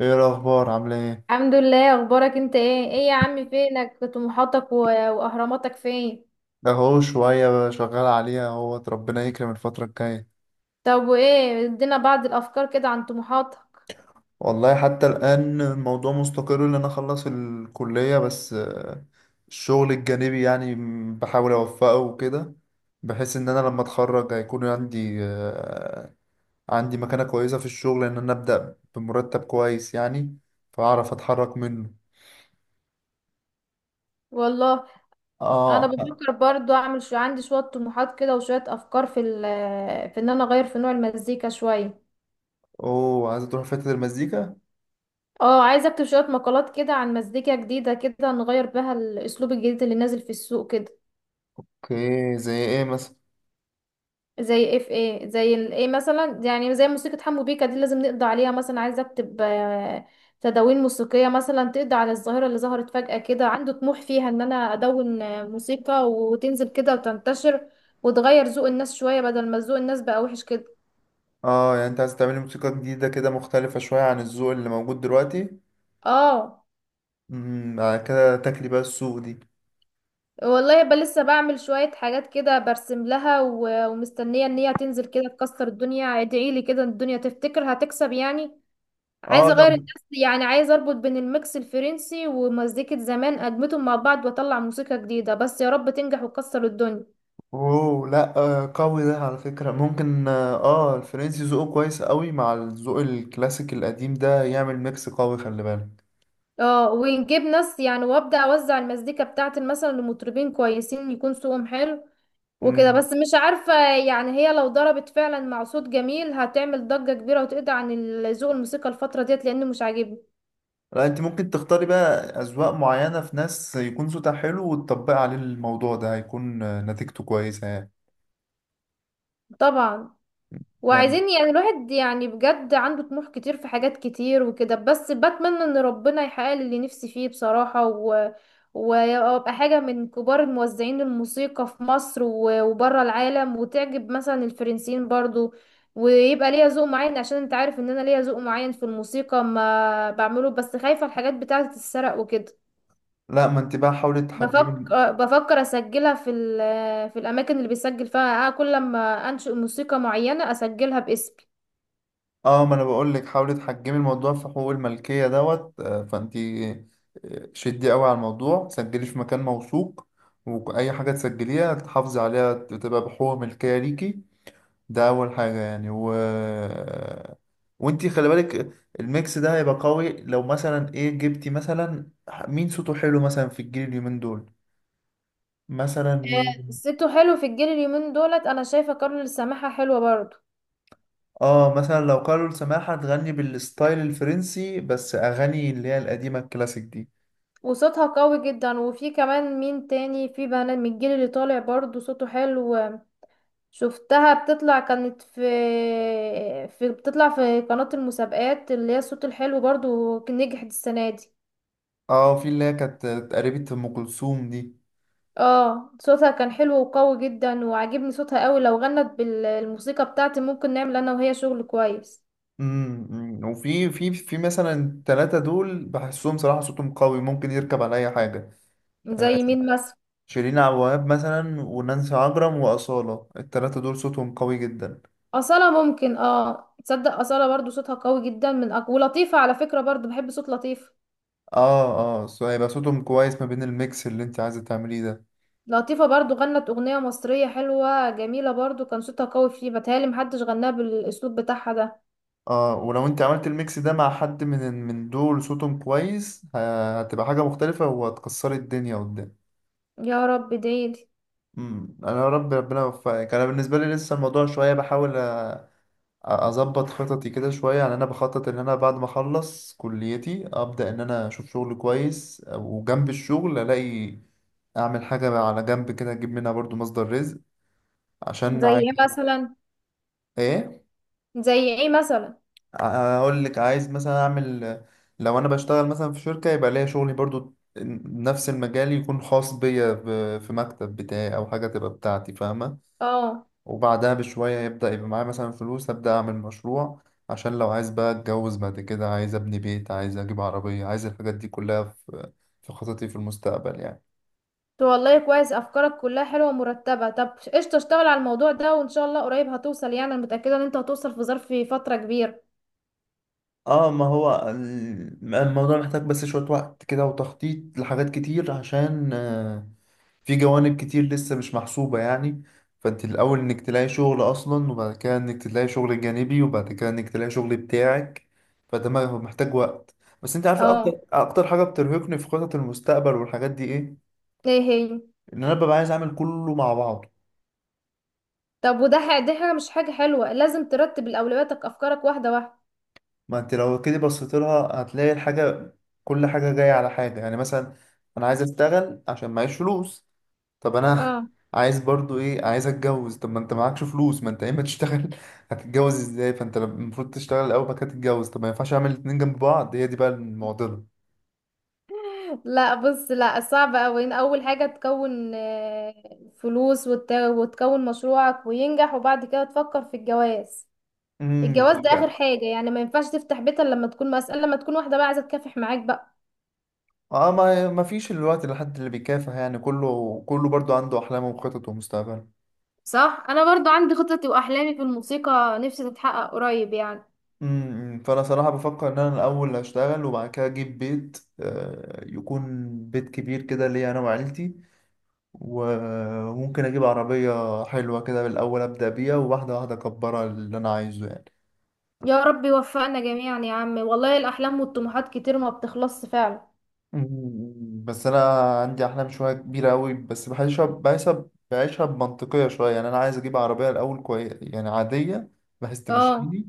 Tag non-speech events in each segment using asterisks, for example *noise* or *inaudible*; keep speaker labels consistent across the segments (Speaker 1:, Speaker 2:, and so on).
Speaker 1: ايه الاخبار؟ عامله ايه؟
Speaker 2: الحمد لله. اخبارك انت ايه؟ ايه يا عمي، فينك؟ طموحاتك واهراماتك فين؟
Speaker 1: اهو شويه بقى شغال عليها اهوت، ربنا يكرم الفتره الجايه.
Speaker 2: طب وايه، ادينا بعض الافكار كده عن طموحاتك.
Speaker 1: والله حتى الان الموضوع مستقر ان انا اخلص الكليه بس، الشغل الجانبي يعني بحاول اوفقه وكده، بحيث ان انا لما اتخرج هيكون عندي، عندي مكانه كويسه في الشغل، ان انا ابدا بمرتب كويس يعني فاعرف اتحرك منه.
Speaker 2: والله انا
Speaker 1: اه.
Speaker 2: بفكر برضو، اعمل شو، عندي شوية طموحات كده وشوية افكار في ال في ان انا اغير في نوع المزيكا شوية.
Speaker 1: اوه، عايزه تروح في حته المزيكا.
Speaker 2: اه عايزه اكتب شوية مقالات كده عن مزيكا جديدة كده، نغير بها الاسلوب الجديد اللي نازل في السوق كده.
Speaker 1: اوكي، زي ايه مثلا؟
Speaker 2: زي اف ايه زي ال ايه مثلا، يعني زي موسيقى حمو بيكا دي لازم نقضي عليها. مثلا عايزه اكتب تدوين موسيقيه مثلا تقضي على الظاهره اللي ظهرت فجاه كده، عنده طموح فيها ان انا ادون موسيقى وتنزل كده وتنتشر وتغير ذوق الناس شويه، بدل ما ذوق الناس بقى وحش كده.
Speaker 1: اه، يعني انت عايز تعملي موسيقى جديدة كده مختلفة شوية عن الذوق اللي موجود دلوقتي.
Speaker 2: اه
Speaker 1: امم، بعد كده تاكلي بقى السوق دي.
Speaker 2: والله يبقى لسه بعمل شويه حاجات كده، برسم لها ومستنيه ان هي تنزل كده تكسر الدنيا. ادعيلي كده إن الدنيا تفتكر هتكسب يعني.
Speaker 1: اه.
Speaker 2: عايزه
Speaker 1: لا،
Speaker 2: اغير الناس، يعني عايزه اربط بين الميكس الفرنسي ومزيكه زمان، ادمتهم مع بعض واطلع موسيقى جديده. بس يا رب تنجح وتكسر الدنيا.
Speaker 1: اوه لا، قوي ده على فكرة، ممكن الفرنسي ذوقه كويس قوي مع الذوق الكلاسيك القديم ده، يعمل ميكس قوي، خلي بالك.
Speaker 2: اه ونجيب ناس يعني، وابدا اوزع المزيكا بتاعتي مثلا لمطربين كويسين يكون صوتهم حلو وكده.
Speaker 1: امم.
Speaker 2: بس مش عارفه يعني، هي لو ضربت فعلا مع صوت جميل هتعمل ضجه كبيره وتقضي عن ذوق الموسيقى الفتره ديت، لانه مش عاجبني.
Speaker 1: لا، انت ممكن تختاري بقى اذواق معينة في ناس يكون صوتها حلو، وتطبقي عليه الموضوع ده هيكون، نتيجته كويسة يعني.
Speaker 2: طبعا.
Speaker 1: يعني
Speaker 2: وعايزين يعني، الواحد يعني بجد عنده طموح كتير في حاجات كتير وكده. بس بتمنى ان ربنا يحقق لي اللي نفسي فيه بصراحة، وابقى حاجة من كبار الموزعين الموسيقى في مصر، وبره العالم، وتعجب مثلا الفرنسيين برضو. ويبقى ليا ذوق معين، عشان انت عارف ان انا ليا ذوق معين في الموسيقى ما بعمله. بس خايفة الحاجات بتاعة تتسرق وكده.
Speaker 1: لا، ما انت بقى حاولي تحجمي.
Speaker 2: بفكر اسجلها في في الاماكن اللي بيسجل فيها كل لما انشئ موسيقى معينة اسجلها باسمي.
Speaker 1: اه، ما انا بقول لك حاولي تحجمي الموضوع في حقوق الملكيه دوت، فانتي شدي قوي على الموضوع، سجلي في مكان موثوق، واي حاجه تسجليها تحافظي عليها تبقى بحقوق ملكيه ليكي. ده اول حاجه يعني. و وانتي خلي بالك، الميكس ده هيبقى قوي لو مثلا ايه جبتي مثلا مين صوته حلو مثلا في الجيل اليومين دول. مثلا مين؟
Speaker 2: صيته حلو في الجيل اليومين دولت، انا شايفه كارول السماحه حلوه برضو،
Speaker 1: اه، مثلا لو قالوا سماحة تغني بالستايل الفرنسي بس اغاني اللي هي القديمه الكلاسيك دي.
Speaker 2: وصوتها قوي جدا. وفي كمان مين تاني في بنات من الجيل اللي طالع برضو صوته حلو، شفتها بتطلع كانت في بتطلع في قناة المسابقات اللي هي الصوت الحلو برضو، كان نجحت السنة دي.
Speaker 1: اه، في اللي هي كانت قريبة ام كلثوم دي.
Speaker 2: اه صوتها كان حلو وقوي جدا، وعجبني صوتها قوي. لو غنت بالموسيقى بتاعتي ممكن نعمل انا وهي شغل كويس.
Speaker 1: أمم. وفي في في مثلا التلاتة دول بحسهم صراحة صوتهم قوي ممكن يركب على اي حاجة.
Speaker 2: زي مين مثلا؟
Speaker 1: شيرين عبد الوهاب مثلا، ونانسي عجرم، وأصالة، التلاتة دول صوتهم قوي جدا.
Speaker 2: أصالة ممكن، اه تصدق أصالة برضو صوتها قوي جدا من ولطيفة على فكرة برضو، بحب صوت لطيفة.
Speaker 1: اه اه، هيبقى صوتهم كويس ما بين الميكس اللي انت عايزة تعمليه ده.
Speaker 2: لطيفة برضو غنت أغنية مصرية حلوة جميلة، برضو كان صوتها قوي فيه، بتهيألي محدش غناها بالأسلوب بتاعها ده.
Speaker 1: اه، ولو انت عملت الميكس ده مع حد من دول صوتهم كويس هتبقى حاجة مختلفة وهتكسري الدنيا قدام.
Speaker 2: يا رب ديلي.
Speaker 1: امم، انا يا رب ربنا يوفقك. انا بالنسبة لي لسه الموضوع شوية، بحاول اظبط خططي كده شويه يعني. انا بخطط ان انا بعد ما اخلص كليتي ابدا ان انا اشوف شغل كويس، وجنب الشغل الاقي اعمل حاجه على جنب كده اجيب منها برضو مصدر رزق، عشان
Speaker 2: زي
Speaker 1: عايز.
Speaker 2: ايه مثلا؟
Speaker 1: ايه؟
Speaker 2: زي ايه مثلا؟
Speaker 1: اقول لك عايز مثلا اعمل، لو انا بشتغل مثلا في شركه يبقى ليا شغلي برضو نفس المجال، يكون خاص بيا، في مكتب بتاعي او حاجه تبقى بتاعتي، فاهمه؟
Speaker 2: اه
Speaker 1: وبعدها بشوية يبدأ يبقى معايا مثلا فلوس، أبدأ أعمل مشروع، عشان لو عايز بقى أتجوز بعد كده، عايز أبني بيت، عايز أجيب عربية، عايز الحاجات دي كلها في في خططي في المستقبل يعني.
Speaker 2: تو والله كويس، أفكارك كلها حلوة ومرتبة. طب قشطة، اشتغل على الموضوع ده وإن شاء الله قريب هتوصل، يعني أنا متأكدة إن أنت هتوصل في ظرف فترة كبيرة.
Speaker 1: اه، ما هو الموضوع محتاج بس شوية وقت كده، وتخطيط لحاجات كتير، عشان، في جوانب كتير لسه مش محسوبة يعني. فانت الأول انك تلاقي شغل أصلا، وبعد كده انك تلاقي شغل جانبي، وبعد كده انك تلاقي شغل بتاعك، فده هو محتاج وقت. بس انت عارف اكتر
Speaker 2: اه.
Speaker 1: اكتر حاجة بترهقني في خطط المستقبل والحاجات دي ايه؟
Speaker 2: ايه هي؟
Speaker 1: ان انا ببقى عايز اعمل كله مع بعضه.
Speaker 2: طب وده دي حاجة مش حاجة حلوة، لازم ترتب الأولوياتك أفكارك واحدة واحدة.
Speaker 1: ما انت لو كده بصيت لها هتلاقي الحاجة، كل حاجة جاية على حاجة يعني. مثلا انا عايز اشتغل عشان معيش فلوس، طب انا
Speaker 2: اه
Speaker 1: عايز برضو ايه؟ عايز اتجوز، طب ما انت معكش فلوس، ما انت اما تشتغل *laughs* هتتجوز ازاي؟ فانت المفروض تشتغل الاول بعد كده تتجوز، طب ما ينفعش اعمل الاتنين جنب بعض؟ هي دي بقى المعضله.
Speaker 2: لا بص، لا صعب أوي. إن أول حاجة تكون فلوس، وتكون مشروعك وينجح، وبعد كده تفكر في الجواز.
Speaker 1: امم،
Speaker 2: الجواز
Speaker 1: وبعد
Speaker 2: ده آخر
Speaker 1: كده.
Speaker 2: حاجة يعني، ما ينفعش تفتح بيت إلا لما تكون مسألة، لما تكون واحدة بقى عايزة تكافح معاك بقى.
Speaker 1: اه، ما فيش الوقت لحد اللي بيكافح يعني، كله برضو عنده احلامه وخططه ومستقبله.
Speaker 2: صح. انا برضو عندي خططي واحلامي في الموسيقى، نفسي تتحقق قريب يعني.
Speaker 1: امم، فانا صراحه بفكر ان انا الاول هشتغل، وبعد كده اجيب بيت، يكون بيت كبير كده ليا انا وعيلتي، وممكن اجيب عربية حلوة كده بالاول ابدأ بيها، وواحدة واحدة اكبرها اللي انا عايزه يعني.
Speaker 2: يا رب يوفقنا جميعا يا عم، والله الأحلام والطموحات كتير ما بتخلصش فعلا.
Speaker 1: مم، بس انا عندي احلام شوية كبيرة قوي، بس بحسها بعيشها بمنطقية شوية يعني. انا عايز اجيب عربية الاول كويس يعني عادية بحيث
Speaker 2: اه.
Speaker 1: تمشيني،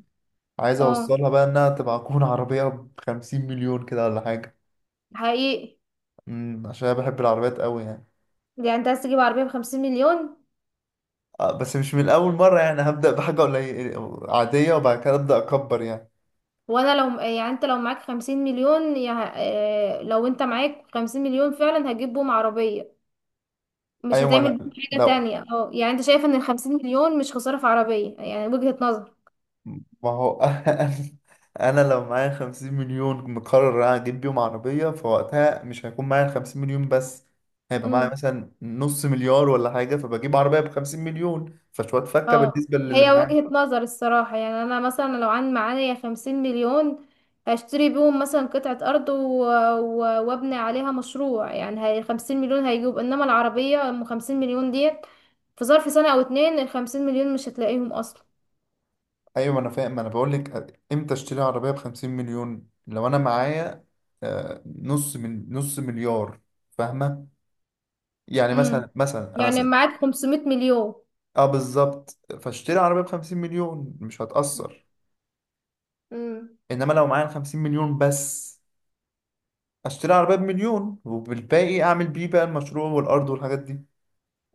Speaker 1: عايز
Speaker 2: اه.
Speaker 1: اوصلها بقى انها تبقى تكون عربية بخمسين مليون كده ولا حاجة.
Speaker 2: حقيقي.
Speaker 1: مم، عشان انا بحب العربيات قوي يعني.
Speaker 2: يعني انت عايز تجيب عربية ب50 مليون؟
Speaker 1: بس مش من اول مرة يعني، هبدأ بحاجة قليلة عادية وبعد كده ابدأ اكبر يعني.
Speaker 2: وانا لو يعني، انت لو معاك 50 مليون لو انت معاك 50 مليون فعلا هتجيب بيهم عربية؟ مش
Speaker 1: ايوه، ما
Speaker 2: هتعمل
Speaker 1: أنا-
Speaker 2: بيهم حاجة
Speaker 1: لو
Speaker 2: تانية؟ اه يعني انت شايف ان ال50 مليون مش خسارة في عربية؟ يعني وجهة
Speaker 1: ما هو *laughs* أنا لو معايا 50 مليون مقرر انا اجيب بيهم عربيه، فوقتها مش هيكون معايا 50 مليون بس، هيبقى معايا
Speaker 2: نظر.
Speaker 1: مثلا نص مليار ولا حاجه، فبجيب عربيه ب 50 مليون فشويه فكه
Speaker 2: اه
Speaker 1: بالنسبه للي
Speaker 2: هي
Speaker 1: معايا.
Speaker 2: وجهة نظر الصراحة. يعني انا مثلا لو عن معايا 50 مليون هشتري بيهم مثلا قطعة ارض و... وابني عليها مشروع. يعني هي 50 مليون هيجيب، انما العربية ام 50 مليون ديت في ظرف سنة او اتنين ال50 مليون مش هتلاقيهم اصلا.
Speaker 1: ايوه، ما انا فاهم، ما انا بقول لك امتى اشتري عربيه ب 50 مليون؟ لو انا معايا، نص من نص مليار، فاهمه؟ يعني
Speaker 2: امم.
Speaker 1: مثلا،
Speaker 2: يعني معاك 500 مليون.
Speaker 1: اه بالظبط، فاشتري عربيه ب 50 مليون مش هتاثر،
Speaker 2: امم.
Speaker 1: انما لو معايا 50 مليون بس، اشتري عربية بمليون وبالباقي اعمل بيه بقى المشروع والارض والحاجات دي،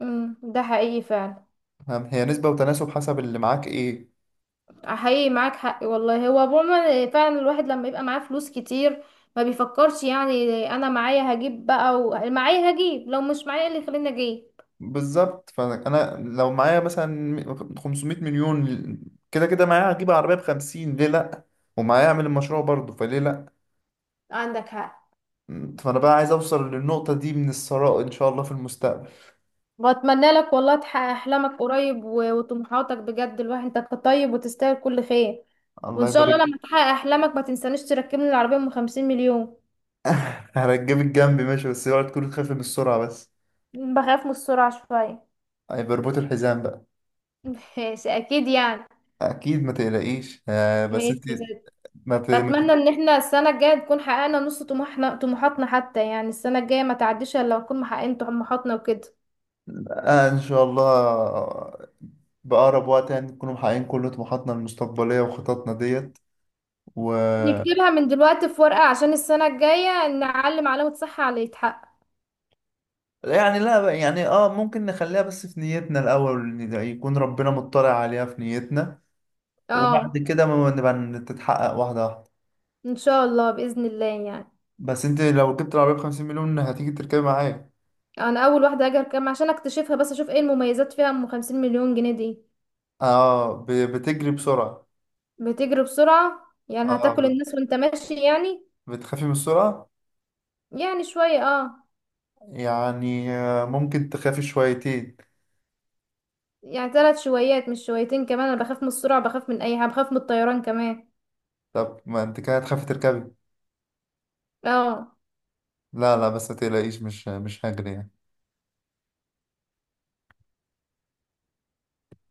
Speaker 2: امم. ده حقيقي فعلا.
Speaker 1: فاهم؟ هي نسبة وتناسب حسب اللي معاك ايه.
Speaker 2: حقيقي معاك حق والله. هو عموما فعلا الواحد لما يبقى معاه فلوس كتير ما بيفكرش، يعني انا معايا هجيب بقى، معايا هجيب، لو مش معايا إيه اللي يخليني اجيب.
Speaker 1: بالظبط، فانا لو معايا مثلا 500 مليون، كده كده معايا هجيب عربية بخمسين، ليه لا؟ ومعايا اعمل المشروع برضه، فليه لا؟
Speaker 2: عندك حق.
Speaker 1: فانا بقى عايز اوصل للنقطة دي من الثراء ان شاء الله في المستقبل.
Speaker 2: واتمنى لك والله تحقق احلامك قريب، وطموحاتك بجد. الواحد انت طيب وتستاهل كل خير. وان
Speaker 1: الله
Speaker 2: شاء
Speaker 1: يبارك
Speaker 2: الله
Speaker 1: لي.
Speaker 2: لما تحقق احلامك ما تنسانيش تركبني العربية ام 50 مليون.
Speaker 1: *laughs* هرجب الجنب ماشي، بس اوعى تكون تخاف من السرعة بس.
Speaker 2: بخاف من السرعة شوية.
Speaker 1: هيبقى رباط الحزام بقى.
Speaker 2: *laughs* ماشي اكيد يعني.
Speaker 1: اكيد، ما تقلقيش، بس
Speaker 2: ماشي.
Speaker 1: انت ما ت- ما
Speaker 2: بتمنى ان احنا السنة الجاية نكون حققنا نص طموحنا طموحاتنا، حتى يعني السنة الجاية ما تعديش الا لو نكون محققين طموحاتنا وكده.
Speaker 1: إن شاء الله، بأقرب وقت يعني نكون محققين كل طموحاتنا المستقبلية وخططنا ديت. و،
Speaker 2: نكتبها من دلوقتي في ورقة عشان السنة الجاية نعلم علامة صح على اللي يتحقق.
Speaker 1: يعني لا بقى- يعني اه ممكن نخليها بس في نيتنا الأول، إن ده يكون ربنا مطلع عليها في نيتنا، وبعد
Speaker 2: اه
Speaker 1: كده ما نبقى تتحقق واحدة واحدة.
Speaker 2: ان شاء الله، بإذن الله يعني.
Speaker 1: بس انت لو جبت العربية بخمسين مليون هتيجي تركبي معايا؟
Speaker 2: انا اول واحدة هاجي كام عشان اكتشفها، بس اشوف ايه المميزات فيها ام 50 مليون جنيه دي.
Speaker 1: اه، بتجري بسرعة.
Speaker 2: بتجري بسرعة يعني،
Speaker 1: اه،
Speaker 2: هتاكل الناس وانت ماشي يعني.
Speaker 1: بتخافي من السرعة؟
Speaker 2: يعني شوية اه.
Speaker 1: يعني، ممكن تخافي شويتين.
Speaker 2: يعني 3 شويات مش شويتين كمان. انا بخاف من السرعة، بخاف من اي حاجة، بخاف من الطيران كمان.
Speaker 1: طب ما انت كده هتخافي تركبي.
Speaker 2: اه.
Speaker 1: لا لا، بس ما تقلقيش، مش هجري يعني.